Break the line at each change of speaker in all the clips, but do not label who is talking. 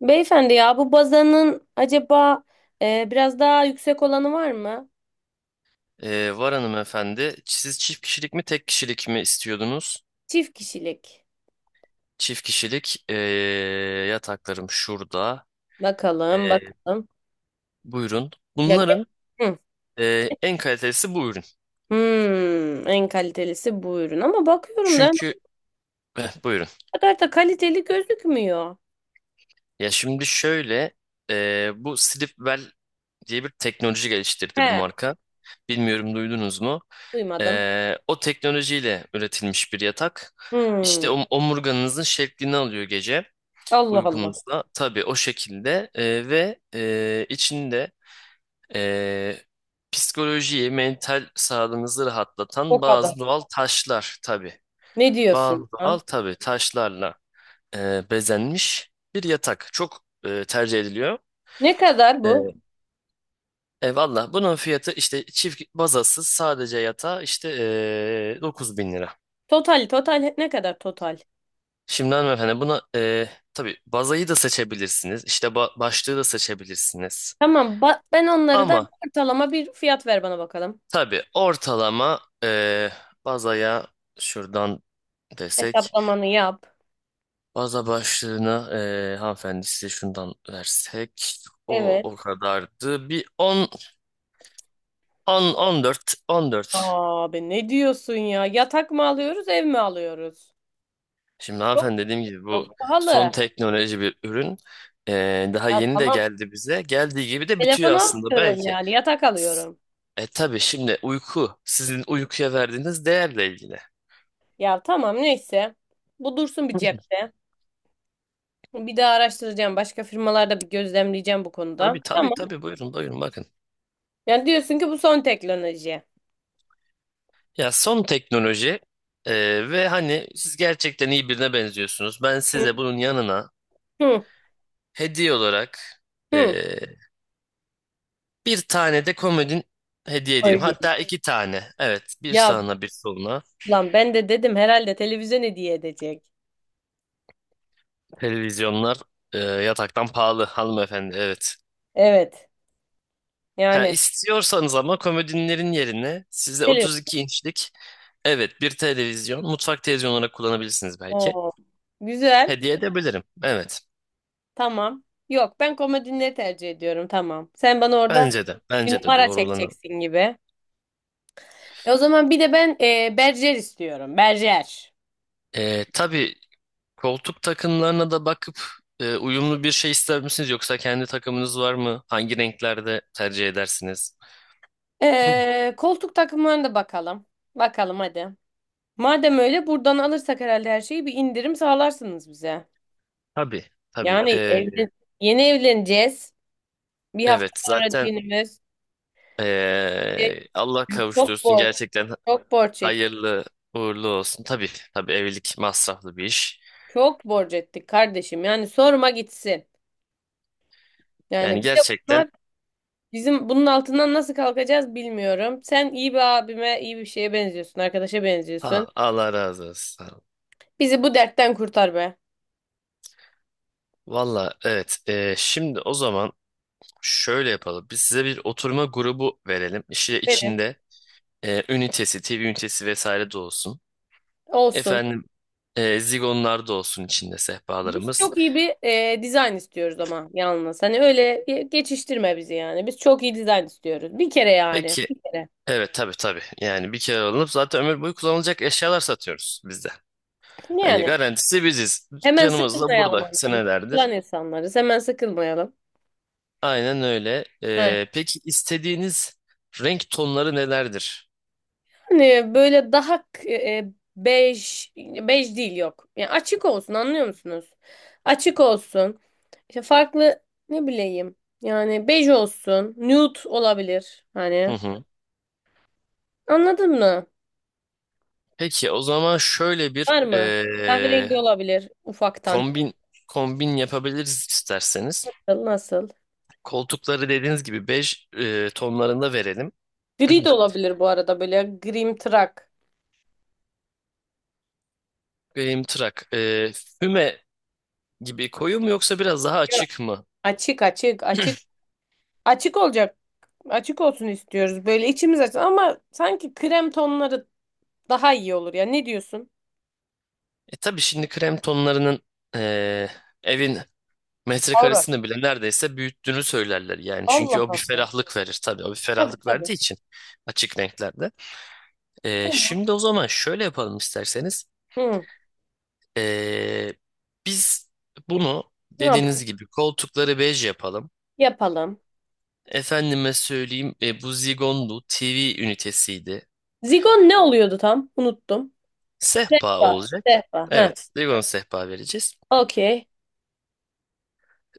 Beyefendi ya bu bazanın acaba biraz daha yüksek olanı var mı?
Var hanımefendi. Siz çift kişilik mi tek kişilik mi istiyordunuz?
Çift kişilik.
Çift kişilik yataklarım şurada. Ee,
Bakalım bakalım.
buyurun.
Ya,
Bunların
hı,
en kalitelisi bu ürün.
en kalitelisi bu ürün ama bakıyorum da
Çünkü buyurun.
o kadar da kaliteli gözükmüyor.
Ya şimdi şöyle bu Sleepwell diye bir teknoloji geliştirdi bu
He,
marka. Bilmiyorum, duydunuz mu?
duymadım.
O teknolojiyle üretilmiş bir yatak. İşte
Hmm,
omurganızın şeklini alıyor gece.
Allah Allah.
Uygunsa tabii o şekilde, ve içinde e, psikolojiyi, mental sağlığınızı
O
rahatlatan
kadar.
bazı doğal taşlar tabii.
Ne
Bazı
diyorsun ya?
doğal tabii taşlarla bezenmiş bir yatak. Çok tercih ediliyor.
Ne kadar bu?
E, Valla bunun fiyatı işte çift bazasız sadece yatağı işte 9 bin lira.
Total total ne kadar total?
Şimdi hanımefendi buna tabii bazayı da seçebilirsiniz. İşte başlığı da seçebilirsiniz.
Tamam, ben onları da,
Ama
ortalama bir fiyat ver bana bakalım.
tabii ortalama bazaya şuradan desek.
Hesaplamanı yap.
Baza başlığına hanımefendi, size şundan versek. O
Evet.
o kadardı. Bir on on on dört on dört.
Abi ne diyorsun ya? Yatak mı alıyoruz, ev mi alıyoruz?
Şimdi
Çok
hanımefendi, dediğim gibi, bu
çok
son
pahalı.
teknoloji bir ürün. Daha
Ya
yeni de
tamam.
geldi bize. Geldiği gibi de
Telefon
bitiyor aslında
almıyorum
belki.
yani. Yatak alıyorum.
E tabii şimdi uyku, sizin uykuya verdiğiniz değerle ilgili.
Ya tamam neyse. Bu dursun bir cepte. Bir daha araştıracağım. Başka firmalarda bir gözlemleyeceğim bu konuda.
Tabii tabii
Tamam.
tabii, buyurun buyurun bakın.
Yani diyorsun ki bu son teknoloji.
Ya, son teknoloji ve hani siz gerçekten iyi birine benziyorsunuz. Ben
Hı
size bunun yanına
hı.
hediye olarak e,
Hı.
bir tane de komodin hediye edeyim.
Oy.
Hatta iki tane. Evet, bir
Ya
sağına bir soluna.
lan ben de dedim herhalde televizyon hediye edecek.
Televizyonlar yataktan pahalı hanımefendi. Evet.
Evet.
Ha,
Yani.
istiyorsanız ama komodinlerin yerine size
Televizyon.
32 inçlik, evet, bir televizyon mutfak televizyonu olarak kullanabilirsiniz belki.
Oo. Güzel.
Hediye edebilirim. Evet.
Tamam. Yok, ben komodinleri tercih ediyorum, tamam. Sen bana orada
Bence de.
bir
Bence de
numara
doğru olanı.
çekeceksin gibi. O zaman bir de ben berjer istiyorum. Berjer.
Tabii koltuk takımlarına da bakıp uyumlu bir şey ister misiniz, yoksa kendi takımınız var mı? Hangi renklerde tercih edersiniz?
Koltuk takımlarına da bakalım. Bakalım hadi. Madem öyle buradan alırsak herhalde her şeyi bir indirim sağlarsınız bize.
Tabii, tabii.
Yani
E,
evlen Yeni evleneceğiz. Bir hafta
evet,
sonra
zaten
düğünümüz. E,
Allah
Çok
kavuştursun,
borç.
gerçekten
Çok borç ettik.
hayırlı uğurlu olsun. Tabii, tabii, evlilik masraflı bir iş.
Çok borç ettik kardeşim. Yani sorma gitsin.
Yani
Yani bir de
gerçekten,
bunlar. Bizim bunun altından nasıl kalkacağız bilmiyorum. Sen iyi bir abime, iyi bir şeye benziyorsun, arkadaşa benziyorsun.
ha, Allah razı olsun.
Bizi bu dertten kurtar be.
Valla evet. Şimdi o zaman şöyle yapalım. Biz size bir oturma grubu verelim. İşte
Verin.
içinde ünitesi, TV ünitesi vesaire de olsun.
Olsun.
Efendim, zigonlar da olsun içinde,
Biz
sehpalarımız.
çok iyi bir dizayn istiyoruz ama yalnız. Hani öyle geçiştirme bizi yani. Biz çok iyi dizayn istiyoruz. Bir kere yani.
Peki,
Bir kere.
evet, tabii tabii, yani bir kere alınıp zaten ömür boyu kullanılacak eşyalar satıyoruz bizde. Hani
Yani.
garantisi biziz.
Hemen
Dükkanımız da
sıkılmayalım
burada
annem. Biz
senelerdir.
sıkılan insanlarız. Hemen sıkılmayalım.
Aynen öyle.
He.
Peki, istediğiniz renk tonları nelerdir?
Yani böyle daha bej, bej değil, yok. Yani açık olsun, anlıyor musunuz? Açık olsun. İşte farklı, ne bileyim. Yani bej olsun. Nude olabilir.
Hı
Hani
hı.
anladın mı?
Peki, o zaman şöyle bir
Var mı? Kahverengi olabilir ufaktan.
kombin kombin yapabiliriz isterseniz.
Nasıl?
Koltukları dediğiniz gibi bej tonlarında verelim.
Gri de olabilir bu arada, böyle grimtırak.
Benim tırak. Füme gibi koyu mu, yoksa biraz daha
Ya,
açık mı?
açık açık açık. Açık olacak. Açık olsun istiyoruz. Böyle içimiz açsın, ama sanki krem tonları daha iyi olur ya. Ne diyorsun?
E tabii, şimdi krem tonlarının eee, evin
Aura.
metrekaresini bile neredeyse büyüttüğünü söylerler yani. Çünkü
Allah
o bir
Allah.
ferahlık verir tabii. O bir
Tabii
ferahlık
tabii.
verdiği için, açık renklerde. Eee,
Tamam.
şimdi o zaman şöyle yapalım isterseniz.
Hı,
Eee, biz bunu
ne yap-
dediğiniz gibi koltukları bej yapalım.
yapalım?
Efendime söyleyeyim, bu Zigondu, TV ünitesiydi.
Zigon ne oluyordu tam? Unuttum.
Sehpa
Sehpa.
olacak.
Sehpa. Ha,
Evet, Zigon sehpa vereceğiz.
okey.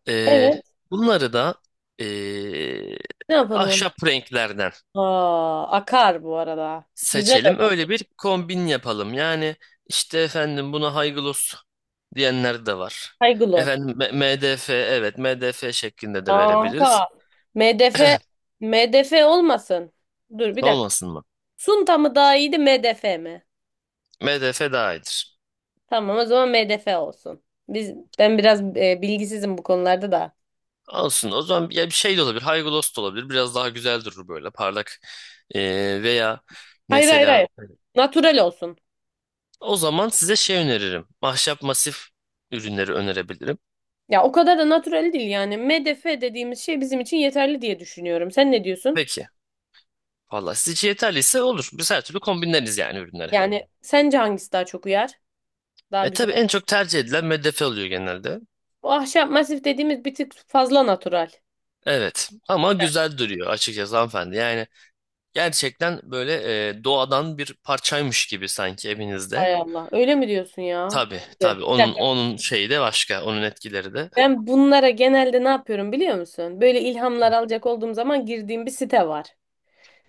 Ee,
Evet.
bunları da ee,
Ne yapalım onu?
ahşap renklerden
Aa, akar bu arada. Güzel
seçelim.
olur.
Öyle bir kombin yapalım. Yani işte, efendim, buna high gloss diyenler de var.
Kaygılos.
Efendim MDF, evet, MDF şeklinde de verebiliriz.
Kanka. MDF MDF olmasın. Dur bir dakika.
Olmasın mı?
Sunta mı daha iyiydi, MDF mi?
MDF daha iyidir.
Tamam, o zaman MDF olsun. Biz ben biraz bilgisizim bu konularda da.
Olsun. O zaman ya bir şey de olabilir, haygulos da olabilir. Biraz daha güzel durur, böyle parlak. Veya
Hayır hayır
mesela
hayır. Natural olsun.
o zaman size şey öneririm: ahşap masif ürünleri önerebilirim.
Ya o kadar da natural değil yani. MDF dediğimiz şey bizim için yeterli diye düşünüyorum. Sen ne diyorsun?
Peki. Valla siz için yeterliyse olur. Biz her türlü kombinleriz yani ürünleri.
Yani sence hangisi daha çok uyar? Daha
E
güzel.
tabii, en çok tercih edilen MDF oluyor genelde.
Bu ahşap masif dediğimiz bir tık fazla natural.
Evet ama güzel duruyor açıkçası hanımefendi. Yani gerçekten böyle doğadan bir parçaymış gibi sanki evinizde.
Hay Allah. Öyle mi diyorsun ya?
Tabii
Bir
tabii, onun
dakika.
onun şeyi de başka, onun etkileri de.
Ben bunlara genelde ne yapıyorum biliyor musun? Böyle ilhamlar alacak olduğum zaman girdiğim bir site var.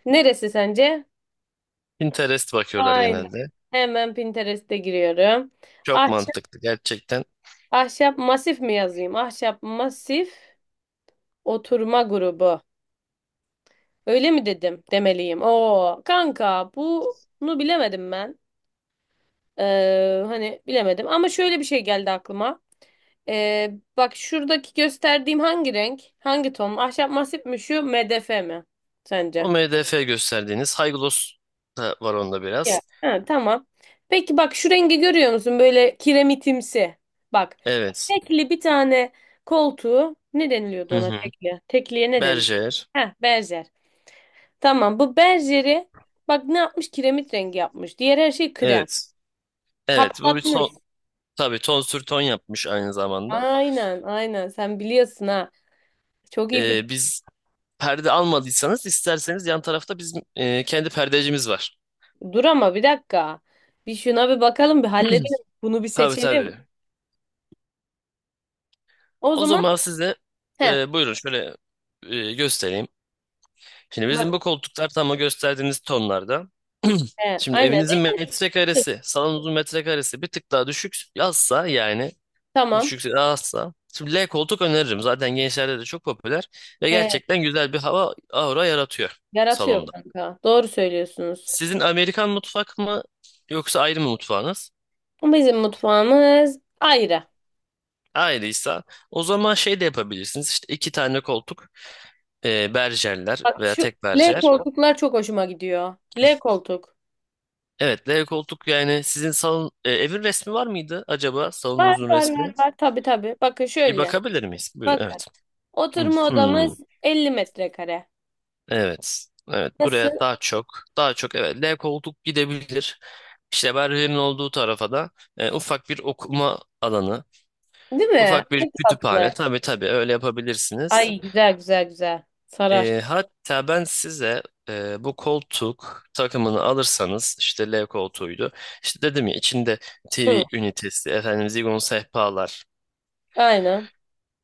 Neresi sence?
Pinterest bakıyorlar
Aynen.
genelde.
Hemen Pinterest'e giriyorum.
Çok
Ahşap,
mantıklı gerçekten.
ahşap masif mi yazayım? Ahşap masif oturma grubu. Öyle mi dedim, demeliyim. Oo kanka, bunu bilemedim ben. Hani bilemedim ama şöyle bir şey geldi aklıma. Bak şuradaki gösterdiğim hangi renk? Hangi ton? Ahşap masif mi şu MDF mi
O
sence?
MDF gösterdiğiniz, high gloss da var onda
Ya.
biraz.
Ha, tamam. Peki bak şu rengi görüyor musun? Böyle kiremitimsi. Bak,
Evet.
tekli bir tane koltuğu ne deniliyordu,
Hı
ona
hı.
tekli? Tekliye ne deniliyor?
Berger.
Heh, benzer. Tamam, bu berjeri bak ne yapmış, kiremit rengi yapmış. Diğer her şey krem.
Evet. Evet, bu bir
Patlatmış.
son. Tabii ton sür ton yapmış aynı zamanda.
Aynen aynen, sen biliyorsun ha. Çok iyi
Ee,
biliyorsun.
biz perde almadıysanız, isterseniz yan tarafta bizim kendi perdecimiz var.
Dur ama bir dakika. Bir şuna bir bakalım, bir halledelim. Bunu bir
Tabii tabii.
seçelim. O
O
zaman
zaman size
he,
buyurun, şöyle göstereyim. Şimdi
bak,
bizim bu koltuklar tam o gösterdiğiniz tonlarda.
he
Şimdi
aynen
evinizin
renk,
metrekaresi, salonunuzun metrekaresi bir tık daha düşük yazsa, yani
tamam.
düşükse, azsa. Şimdi L koltuk öneririm. Zaten gençlerde de çok popüler, ve
He,
gerçekten güzel bir hava, aura yaratıyor
yaratıyor
salonda.
kanka. Doğru söylüyorsunuz.
Sizin Amerikan mutfak mı, yoksa ayrı mı mutfağınız?
Bizim mutfağımız ayrı.
Ayrıysa, o zaman şey de yapabilirsiniz: İşte iki tane koltuk, berjerler,
Bak
veya
şu
tek
L
berjer.
koltuklar çok hoşuma gidiyor. L koltuk.
Evet, L koltuk. Yani sizin salon, evin resmi var mıydı acaba,
Var
salonunuzun
var
resmi?
var var. Tabii tabii. Bakın
Bir
şöyle.
bakabilir miyiz? Buyurun.
Bakın.
Evet. Hmm,
Oturma
hmm.
odamız 50 metrekare.
Evet. Evet,
Nasıl?
buraya daha çok, daha çok, evet, L koltuk gidebilir. İşte berjerin olduğu tarafa da ufak bir okuma alanı,
Değil mi?
ufak bir
Çok tatlı.
kütüphane. Tabii tabii, öyle yapabilirsiniz.
Ay, güzel güzel güzel. Sarar.
Hatta ben size bu koltuk takımını alırsanız, işte L koltuğuydu. İşte dedim ya, içinde
Hı,
TV ünitesi, efendim zigon sehpalar.
aynen.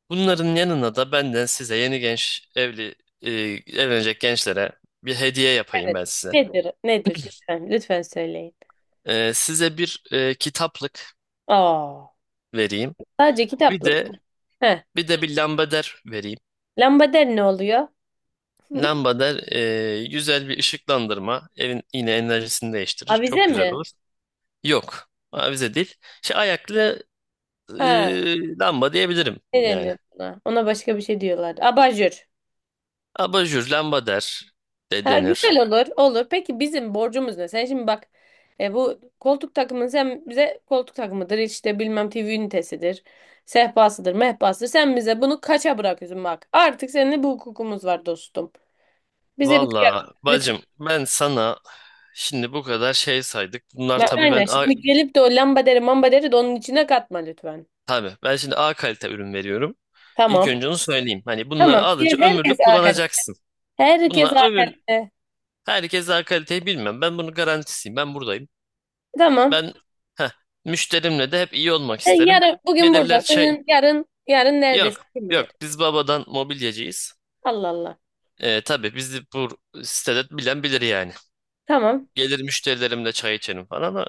Bunların yanına da benden size, yeni genç evli e, evlenecek gençlere, bir hediye yapayım
Evet.
ben size.
Nedir? Nedir? Lütfen, lütfen söyleyin.
Size bir kitaplık
Aa,
vereyim.
sadece
Bir
kitaplık.
de
Heh.
bir de bir lambader vereyim.
Lambader ne oluyor?
Lambader güzel bir ışıklandırma. Evin yine enerjisini değiştirir, çok
Avize
güzel
mi?
olur. Yok. Avize değil. Şey, ayaklı
Ha,
lamba diyebilirim
ne
yani.
deniyor ona? Ona başka bir şey diyorlar. Abajur.
Abajur, lamba der de
Ha,
denir.
güzel olur, olur. Peki bizim borcumuz ne? Sen şimdi bak, bu koltuk takımını, sen bize koltuk takımıdır, işte bilmem TV ünitesidir, sehpasıdır, mehpasıdır. Sen bize bunu kaça bırakıyorsun bak. Artık seninle bu hukukumuz var dostum. Bize bir kıyak
Valla
lütfen.
bacım, ben sana şimdi bu kadar şey saydık. Bunlar
Ya,
tabii
aynen.
ben A,
Şimdi gelip de o lambaderi mambaderi de onun içine katma lütfen.
Tabii ben şimdi A kalite ürün veriyorum. İlk
Tamam.
önce onu söyleyeyim. Hani bunları
Tamam. Diğer
alınca
herkes
ömürlük
arkadaş.
kullanacaksın.
Herkes
Bunlar ömür
arkadaş.
Herkes A kaliteyi bilmem. Ben bunun garantisiyim. Ben buradayım.
Tamam.
Ben, heh, müşterimle de hep iyi olmak
Sen
isterim.
yarın bugün burada.
Gelirler,
Senin yarın yarın neredesin
yok
kim bilir.
yok, biz babadan mobilyacıyız.
Allah Allah.
Tabii bizi bu sitede bilen bilir yani.
Tamam.
Gelir müşterilerimle çay içerim falan. O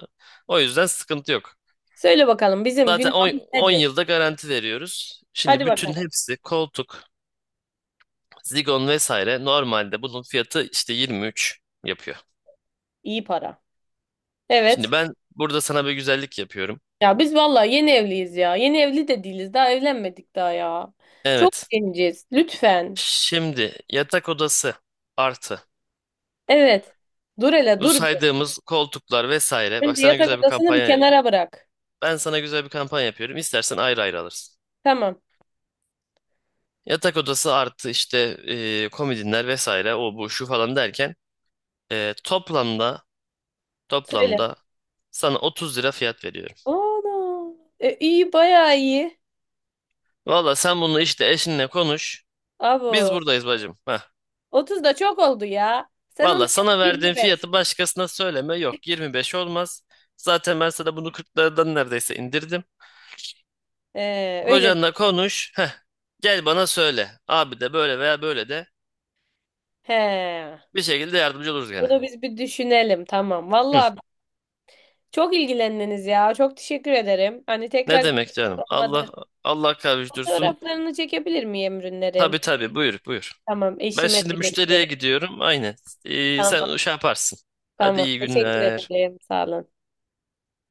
o yüzden sıkıntı yok.
Söyle bakalım bizim
Zaten
günahımız
10
nedir?
yılda garanti veriyoruz.
Hadi
Şimdi bütün
bakalım.
hepsi, koltuk, zigon vesaire, normalde bunun fiyatı işte 23 yapıyor.
İyi para.
Şimdi
Evet.
ben burada sana bir güzellik yapıyorum.
Ya biz vallahi yeni evliyiz ya. Yeni evli de değiliz. Daha evlenmedik daha ya. Çok
Evet.
genciz. Lütfen.
Şimdi yatak odası artı
Evet. Dur hele,
bu
dur bir.
saydığımız koltuklar vesaire. Bak
Önce
sana
yatak
güzel bir
odasını bir
kampanya
kenara bırak.
Ben sana güzel bir kampanya yapıyorum. İstersen ayrı ayrı alırsın.
Tamam.
Yatak odası artı işte komodinler vesaire, o bu şu falan derken, e, toplamda
Söyle.
toplamda sana 30 lira fiyat veriyorum.
Ana. E, iyi, bayağı iyi.
Valla sen bunu işte eşinle konuş. Biz
Abo.
buradayız bacım. Heh.
30 da çok oldu ya. Sen onu
Valla
yap.
sana verdiğim
25.
fiyatı başkasına söyleme. Yok, 25 olmaz. Zaten ben sana bunu 40'lardan neredeyse indirdim.
Öyle.
Kocanla konuş. Heh. Gel bana söyle, abi de böyle veya böyle de
He.
bir şekilde yardımcı oluruz gene.
Bunu biz bir düşünelim. Tamam. Vallahi, çok ilgilendiniz ya. Çok teşekkür ederim. Hani
Ne
tekrar
demek canım? Allah
olmadı.
Allah kavuştursun.
Fotoğraflarını çekebilir miyim ürünlerin?
Tabii tabii, buyur buyur.
Tamam,
Ben
eşime
şimdi
de
müşteriye
göstereyim.
gidiyorum. Aynen. Ee,
Tamam,
sen şey yaparsın. Hadi,
tamam.
iyi
Teşekkür
günler.
ederim. Sağ olun.